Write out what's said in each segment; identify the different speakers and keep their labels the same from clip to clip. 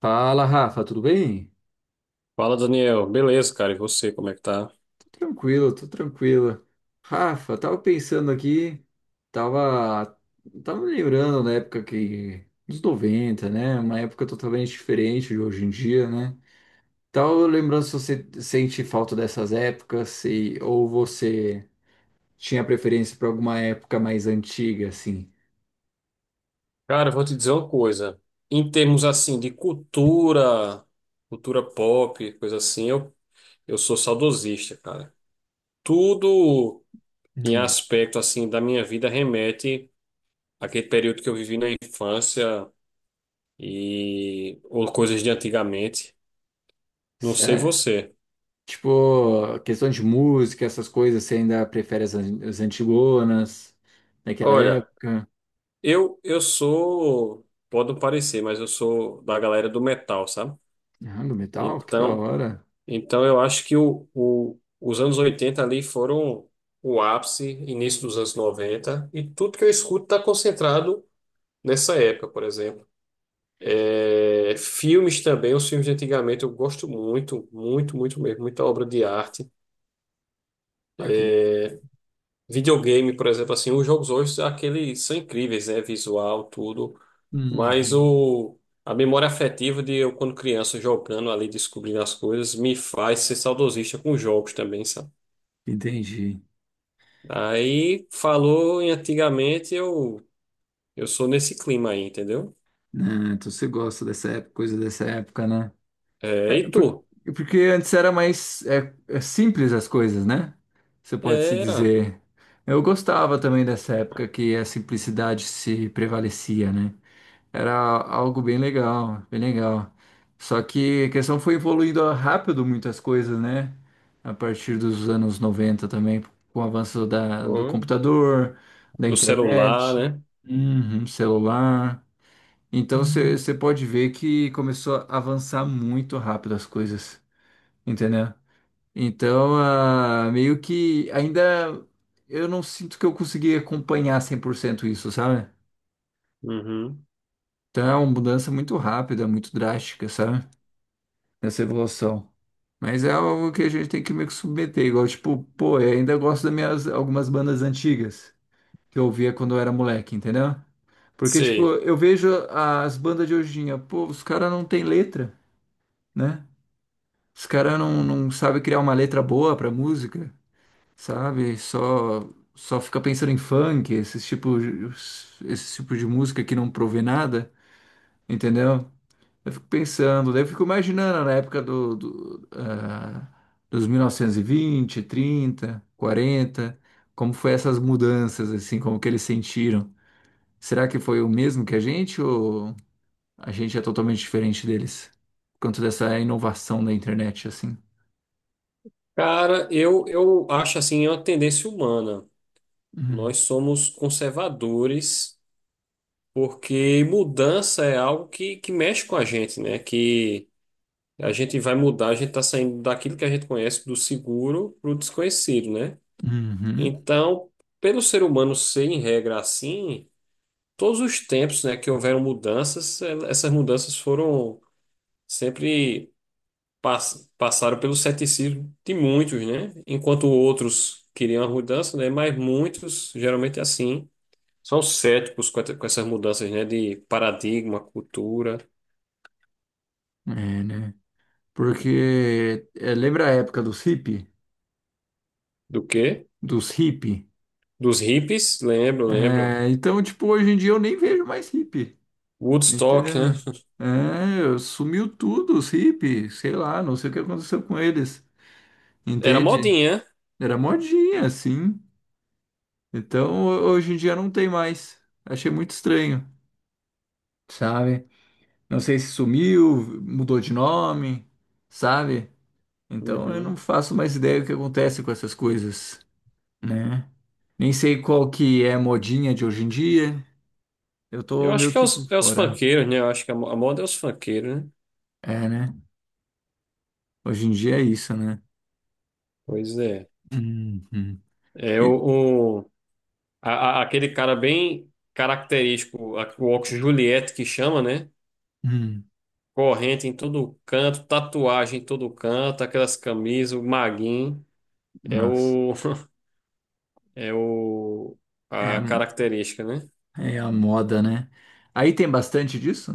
Speaker 1: Fala, Rafa, tudo bem?
Speaker 2: Fala, Daniel. Beleza, cara. E você, como é que tá?
Speaker 1: Tô tranquilo, tô tranquilo. Rafa, tava pensando aqui, tava, tava me lembrando da época que, dos 90, né? Uma época totalmente diferente de hoje em dia, né? Tava lembrando se você sente falta dessas épocas, se, ou você tinha preferência por alguma época mais antiga, assim.
Speaker 2: Cara, eu vou te dizer uma coisa. Em termos assim de cultura, cultura pop, coisa assim, eu sou saudosista, cara. Tudo em
Speaker 1: Hum.
Speaker 2: aspecto assim da minha vida remete àquele período que eu vivi na infância e ou coisas de antigamente. Não sei
Speaker 1: Cé-
Speaker 2: você.
Speaker 1: Tipo, questão de música, essas coisas, você ainda prefere as antigonas daquela
Speaker 2: Olha,
Speaker 1: época?
Speaker 2: eu sou, pode não parecer, mas eu sou da galera do metal, sabe?
Speaker 1: Ah, do metal? Que da
Speaker 2: Então,
Speaker 1: hora.
Speaker 2: Então, eu acho que os anos 80 ali foram o ápice, início dos anos 90 e tudo que eu escuto está concentrado nessa época, por exemplo. É, filmes também, os filmes de antigamente eu gosto muito, muito, muito mesmo, muita obra de arte.
Speaker 1: Aqui.
Speaker 2: Videogame, por exemplo, assim, os jogos hoje, aqueles são incríveis, né? Visual, tudo, mas
Speaker 1: Uhum,
Speaker 2: o, a memória afetiva de eu, quando criança, jogando ali, descobrindo as coisas, me faz ser saudosista com jogos também.
Speaker 1: entendi.
Speaker 2: Aí falou em antigamente, eu sou nesse clima aí, entendeu?
Speaker 1: Ah, então você gosta dessa época, coisa dessa época, né?
Speaker 2: É,
Speaker 1: É,
Speaker 2: e
Speaker 1: por-
Speaker 2: tu?
Speaker 1: Porque antes era mais é simples as coisas, né? Você pode se
Speaker 2: Era.
Speaker 1: dizer. Eu gostava também dessa época que a simplicidade se prevalecia, né? Era algo bem legal, bem legal. Só que a questão foi evoluindo rápido muitas coisas, né? A partir dos anos 90 também, com o avanço da, do
Speaker 2: Oi.
Speaker 1: computador, da
Speaker 2: O celular,
Speaker 1: internet,
Speaker 2: né?
Speaker 1: uhum, celular. Então você pode ver que começou a avançar muito rápido as coisas, entendeu? Então, meio que ainda eu não sinto que eu consegui acompanhar 100% isso, sabe?
Speaker 2: Uhum.
Speaker 1: Então é uma mudança muito rápida, muito drástica, sabe? Nessa evolução. Mas é algo que a gente tem que meio que submeter, igual, tipo, pô, eu ainda gosto das minhas algumas bandas antigas que eu ouvia quando eu era moleque, entendeu? Porque, tipo,
Speaker 2: Sei.
Speaker 1: eu vejo as bandas de hoje em dia, pô, os caras não tem letra, né? Os caras não sabem criar uma letra boa pra música, sabe? Só fica pensando em funk, esses tipo de música que não provê nada, entendeu? Eu fico pensando, daí eu fico imaginando na época dos 1920, 30, 40, como foi essas mudanças, assim, como que eles sentiram. Será que foi o mesmo que a gente ou a gente é totalmente diferente deles? Por conta dessa inovação da internet, assim.
Speaker 2: Cara, eu acho assim, é uma tendência humana.
Speaker 1: Uhum.
Speaker 2: Nós somos conservadores porque mudança é algo que mexe com a gente, né? Que a gente vai mudar, a gente tá saindo daquilo que a gente conhece, do seguro para o desconhecido, né?
Speaker 1: Uhum.
Speaker 2: Então, pelo ser humano ser em regra assim, todos os tempos, né, que houveram mudanças, essas mudanças foram sempre passaram pelo ceticismo de muitos, né? Enquanto outros queriam a mudança, né? Mas muitos, geralmente é assim, são céticos com essas mudanças, né, de paradigma, cultura,
Speaker 1: É, né? Porque é, lembra a época dos hippie?
Speaker 2: do quê?
Speaker 1: Dos hippie?
Speaker 2: Dos hippies, lembro, lembro.
Speaker 1: É, então, tipo, hoje em dia eu nem vejo mais hippie.
Speaker 2: Woodstock, né?
Speaker 1: Entendeu? É, sumiu tudo, os hippies, sei lá, não sei o que aconteceu com eles,
Speaker 2: Era
Speaker 1: entende?
Speaker 2: modinha.
Speaker 1: Era modinha, assim. Então, hoje em dia não tem mais. Achei muito estranho, sabe? Não sei se sumiu, mudou de nome, sabe? Então, eu não
Speaker 2: Uhum.
Speaker 1: faço mais ideia do que acontece com essas coisas, né? Nem sei qual que é a modinha de hoje em dia. Eu
Speaker 2: Eu
Speaker 1: tô meio
Speaker 2: acho que
Speaker 1: que por
Speaker 2: é os
Speaker 1: fora.
Speaker 2: funkeiros, né? Eu acho que a a moda é os funkeiros, né?
Speaker 1: É, né? Hoje em dia é isso, né?
Speaker 2: Pois é.
Speaker 1: Uhum.
Speaker 2: É
Speaker 1: E-
Speaker 2: o. Aquele cara bem característico, o óculos Juliette que chama, né?
Speaker 1: Hum.
Speaker 2: Corrente em todo canto, tatuagem em todo canto, aquelas camisas, o maguinho. É
Speaker 1: Mas
Speaker 2: o. É o.
Speaker 1: é,
Speaker 2: A
Speaker 1: a-
Speaker 2: característica, né?
Speaker 1: é a moda, né? Aí tem bastante disso?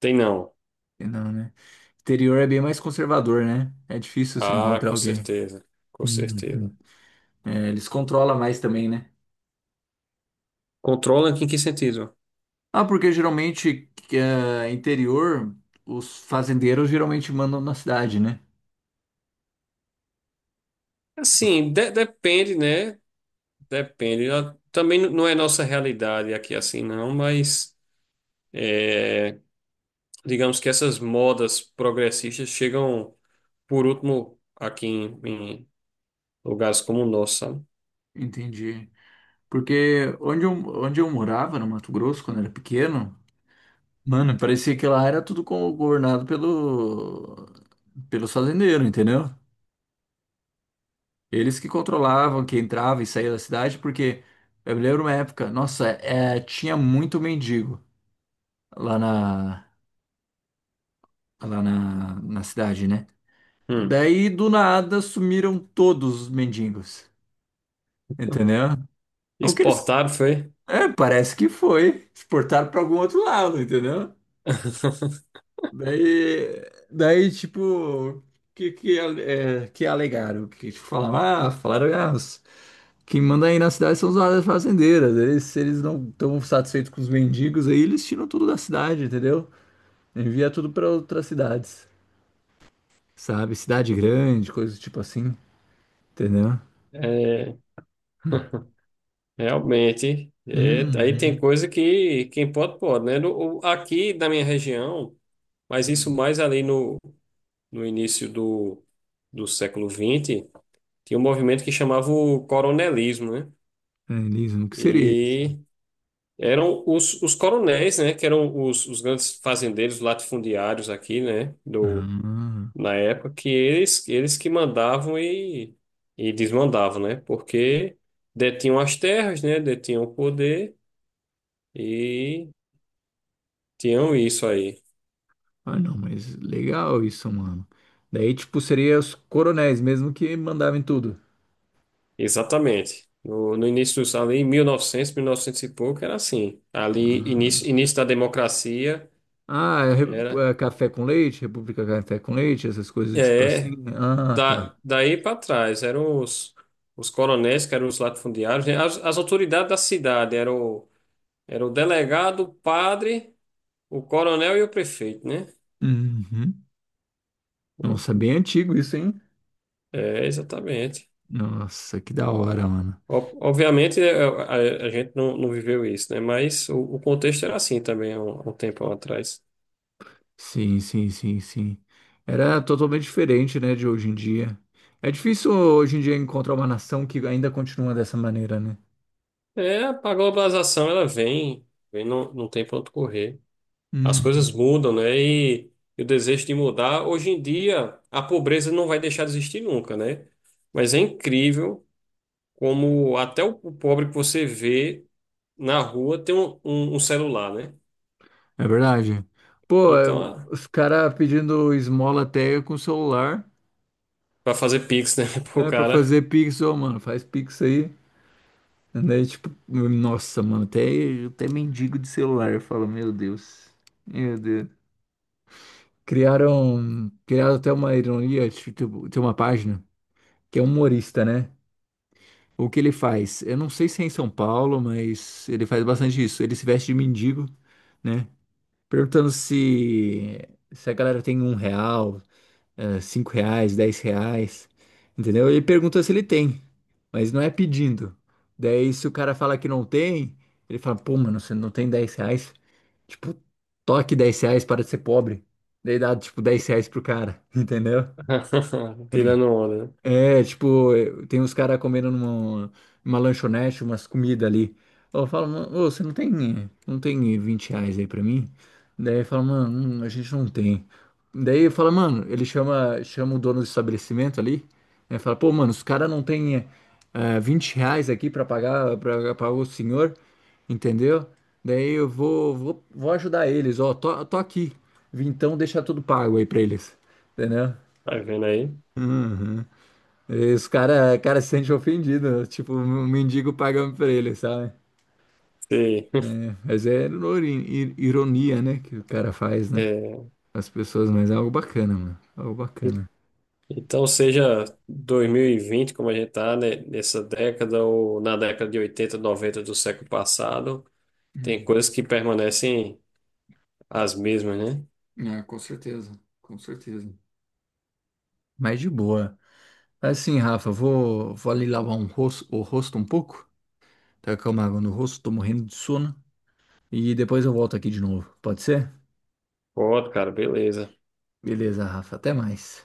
Speaker 2: Tem não.
Speaker 1: Não, né? Interior é bem mais conservador, né? É difícil você
Speaker 2: Ah,
Speaker 1: encontrar
Speaker 2: com
Speaker 1: alguém.
Speaker 2: certeza. Com
Speaker 1: Uhum.
Speaker 2: certeza.
Speaker 1: É, eles controlam mais também, né?
Speaker 2: Controla em que sentido?
Speaker 1: Ah, porque geralmente que, é, interior, os fazendeiros geralmente mandam na cidade, né? Nossa,
Speaker 2: Assim, depende, né? Depende. Ah, também não é nossa realidade aqui assim, não, mas, é, digamos que essas modas progressistas chegam por último aqui em lugares como o nosso, sabe?
Speaker 1: entendi. Porque onde eu morava, no Mato Grosso, quando era pequeno, mano, parecia que lá era tudo governado pelo, pelos fazendeiros, entendeu? Eles que controlavam, que entrava e saía da cidade, porque eu me lembro uma época, nossa, é, tinha muito mendigo lá na, na cidade, né?
Speaker 2: Hum.
Speaker 1: Daí do nada sumiram todos os mendigos, entendeu? O que eles,
Speaker 2: Exportado foi?
Speaker 1: é, parece que foi, exportaram para algum outro lado, entendeu? Daí, daí tipo, que, que alegaram? Que tipo, falaram, falaram, quem manda aí na cidade são os áreas fazendeiras. Eles, se eles não estão satisfeitos com os mendigos aí, eles tiram tudo da cidade, entendeu? Envia tudo para outras cidades, sabe? Cidade grande, coisa tipo assim, entendeu?
Speaker 2: É, realmente. É, aí tem
Speaker 1: Uhum.
Speaker 2: coisa que quem pode, pode, né? Aqui na minha região, mas isso mais ali no, no início do século vinte tinha um movimento que chamava o coronelismo, né?
Speaker 1: É, Liso, o que seria isso?
Speaker 2: E eram os coronéis, né? Que eram os grandes fazendeiros latifundiários aqui, né?
Speaker 1: Ah,
Speaker 2: Na época que eles que mandavam e desmandavam, né? Porque detinham as terras, né? Detinham o poder e tinham isso aí.
Speaker 1: não, mas legal isso, mano. Daí, tipo, seria os coronéis mesmo que mandavam em tudo.
Speaker 2: Exatamente. No início dos, ali, em 1900, novecentos e pouco, era assim. Ali, início,
Speaker 1: Ah,
Speaker 2: início da democracia,
Speaker 1: ah é
Speaker 2: era...
Speaker 1: é café com leite, República Café com Leite, essas coisas do tipo
Speaker 2: É,
Speaker 1: assim, né? Ah,
Speaker 2: da,
Speaker 1: tá.
Speaker 2: daí para trás, eram os coronéis, que eram os latifundiários, né? As autoridades da cidade, era o delegado, o padre... O coronel e o prefeito, né?
Speaker 1: Uhum. Nossa, bem antigo isso, hein?
Speaker 2: É, exatamente.
Speaker 1: Nossa, que da hora, mano.
Speaker 2: Obviamente, a gente não viveu isso, né? Mas o contexto era assim também há há um tempo atrás.
Speaker 1: Sim, sim, sim, sim. Era totalmente diferente, né, de hoje em dia. É difícil hoje em dia encontrar uma nação que ainda continua dessa maneira, né?
Speaker 2: É, a globalização, ela vem, vem não, não tem para onde correr. As
Speaker 1: Hum,
Speaker 2: coisas mudam, né? E o desejo de mudar, hoje em dia, a pobreza não vai deixar de existir nunca, né? Mas é incrível como até o pobre que você vê na rua tem um celular, né?
Speaker 1: é verdade. Pô, é,
Speaker 2: Então,
Speaker 1: os caras pedindo esmola até com o celular,
Speaker 2: para fazer pix, né, pro
Speaker 1: é, pra
Speaker 2: cara.
Speaker 1: fazer pix, ô, mano, faz pix aí. Daí, tipo, nossa, mano, até mendigo de celular, eu falo, meu Deus. Meu Deus. Criaram até uma ironia, tipo, tem uma página que é humorista, né? O que ele faz? Eu não sei se é em São Paulo, mas ele faz bastante isso. Ele se veste de mendigo, né? Perguntando se a galera tem R$ 1, R$ 5, R$ 10, entendeu? Ele pergunta se ele tem, mas não é pedindo. Daí, se o cara fala que não tem, ele fala, pô, mano, você não tem R$ 10? Tipo, toque R$ 10 para de ser pobre. Daí dá, tipo, R$ 10 pro cara, entendeu?
Speaker 2: Tirando onda, né?
Speaker 1: É, tipo, eh, tem uns caras comendo numa lanchonete, umas comidas ali. Eu falo, mano, ô, você não tem R$ 20 aí pra mim? Daí fala, mano, a gente não tem. Daí fala, mano, ele chama o dono do estabelecimento ali, né? Fala, pô, mano, os caras não tem R$ 20 aqui pra pagar o senhor, entendeu? Daí eu vou ajudar eles, ó, tô aqui. Vim, então deixa tudo pago aí pra eles, entendeu?
Speaker 2: Tá vendo aí?
Speaker 1: Uhum. Esse cara se sente ofendido, tipo, um mendigo pagando pra ele, sabe?
Speaker 2: Sim.
Speaker 1: Mas é ironia, né, que o cara faz, né?
Speaker 2: É,
Speaker 1: As pessoas, mas é algo bacana, mano. Algo
Speaker 2: e-
Speaker 1: bacana.
Speaker 2: então, seja 2020, como a gente está nessa década, ou na década de 80, 90 do século passado, tem
Speaker 1: Hum.
Speaker 2: coisas que permanecem as mesmas, né?
Speaker 1: É, com certeza, com certeza. Mas de boa. Assim, Rafa, vou ali lavar um rosto, o rosto um pouco. Tacar uma água no rosto, tô morrendo de sono. E depois eu volto aqui de novo. Pode ser?
Speaker 2: Pode, cara, beleza.
Speaker 1: Beleza, Rafa, até mais.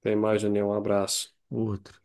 Speaker 2: Até mais, Daniel. Um abraço.
Speaker 1: Outro.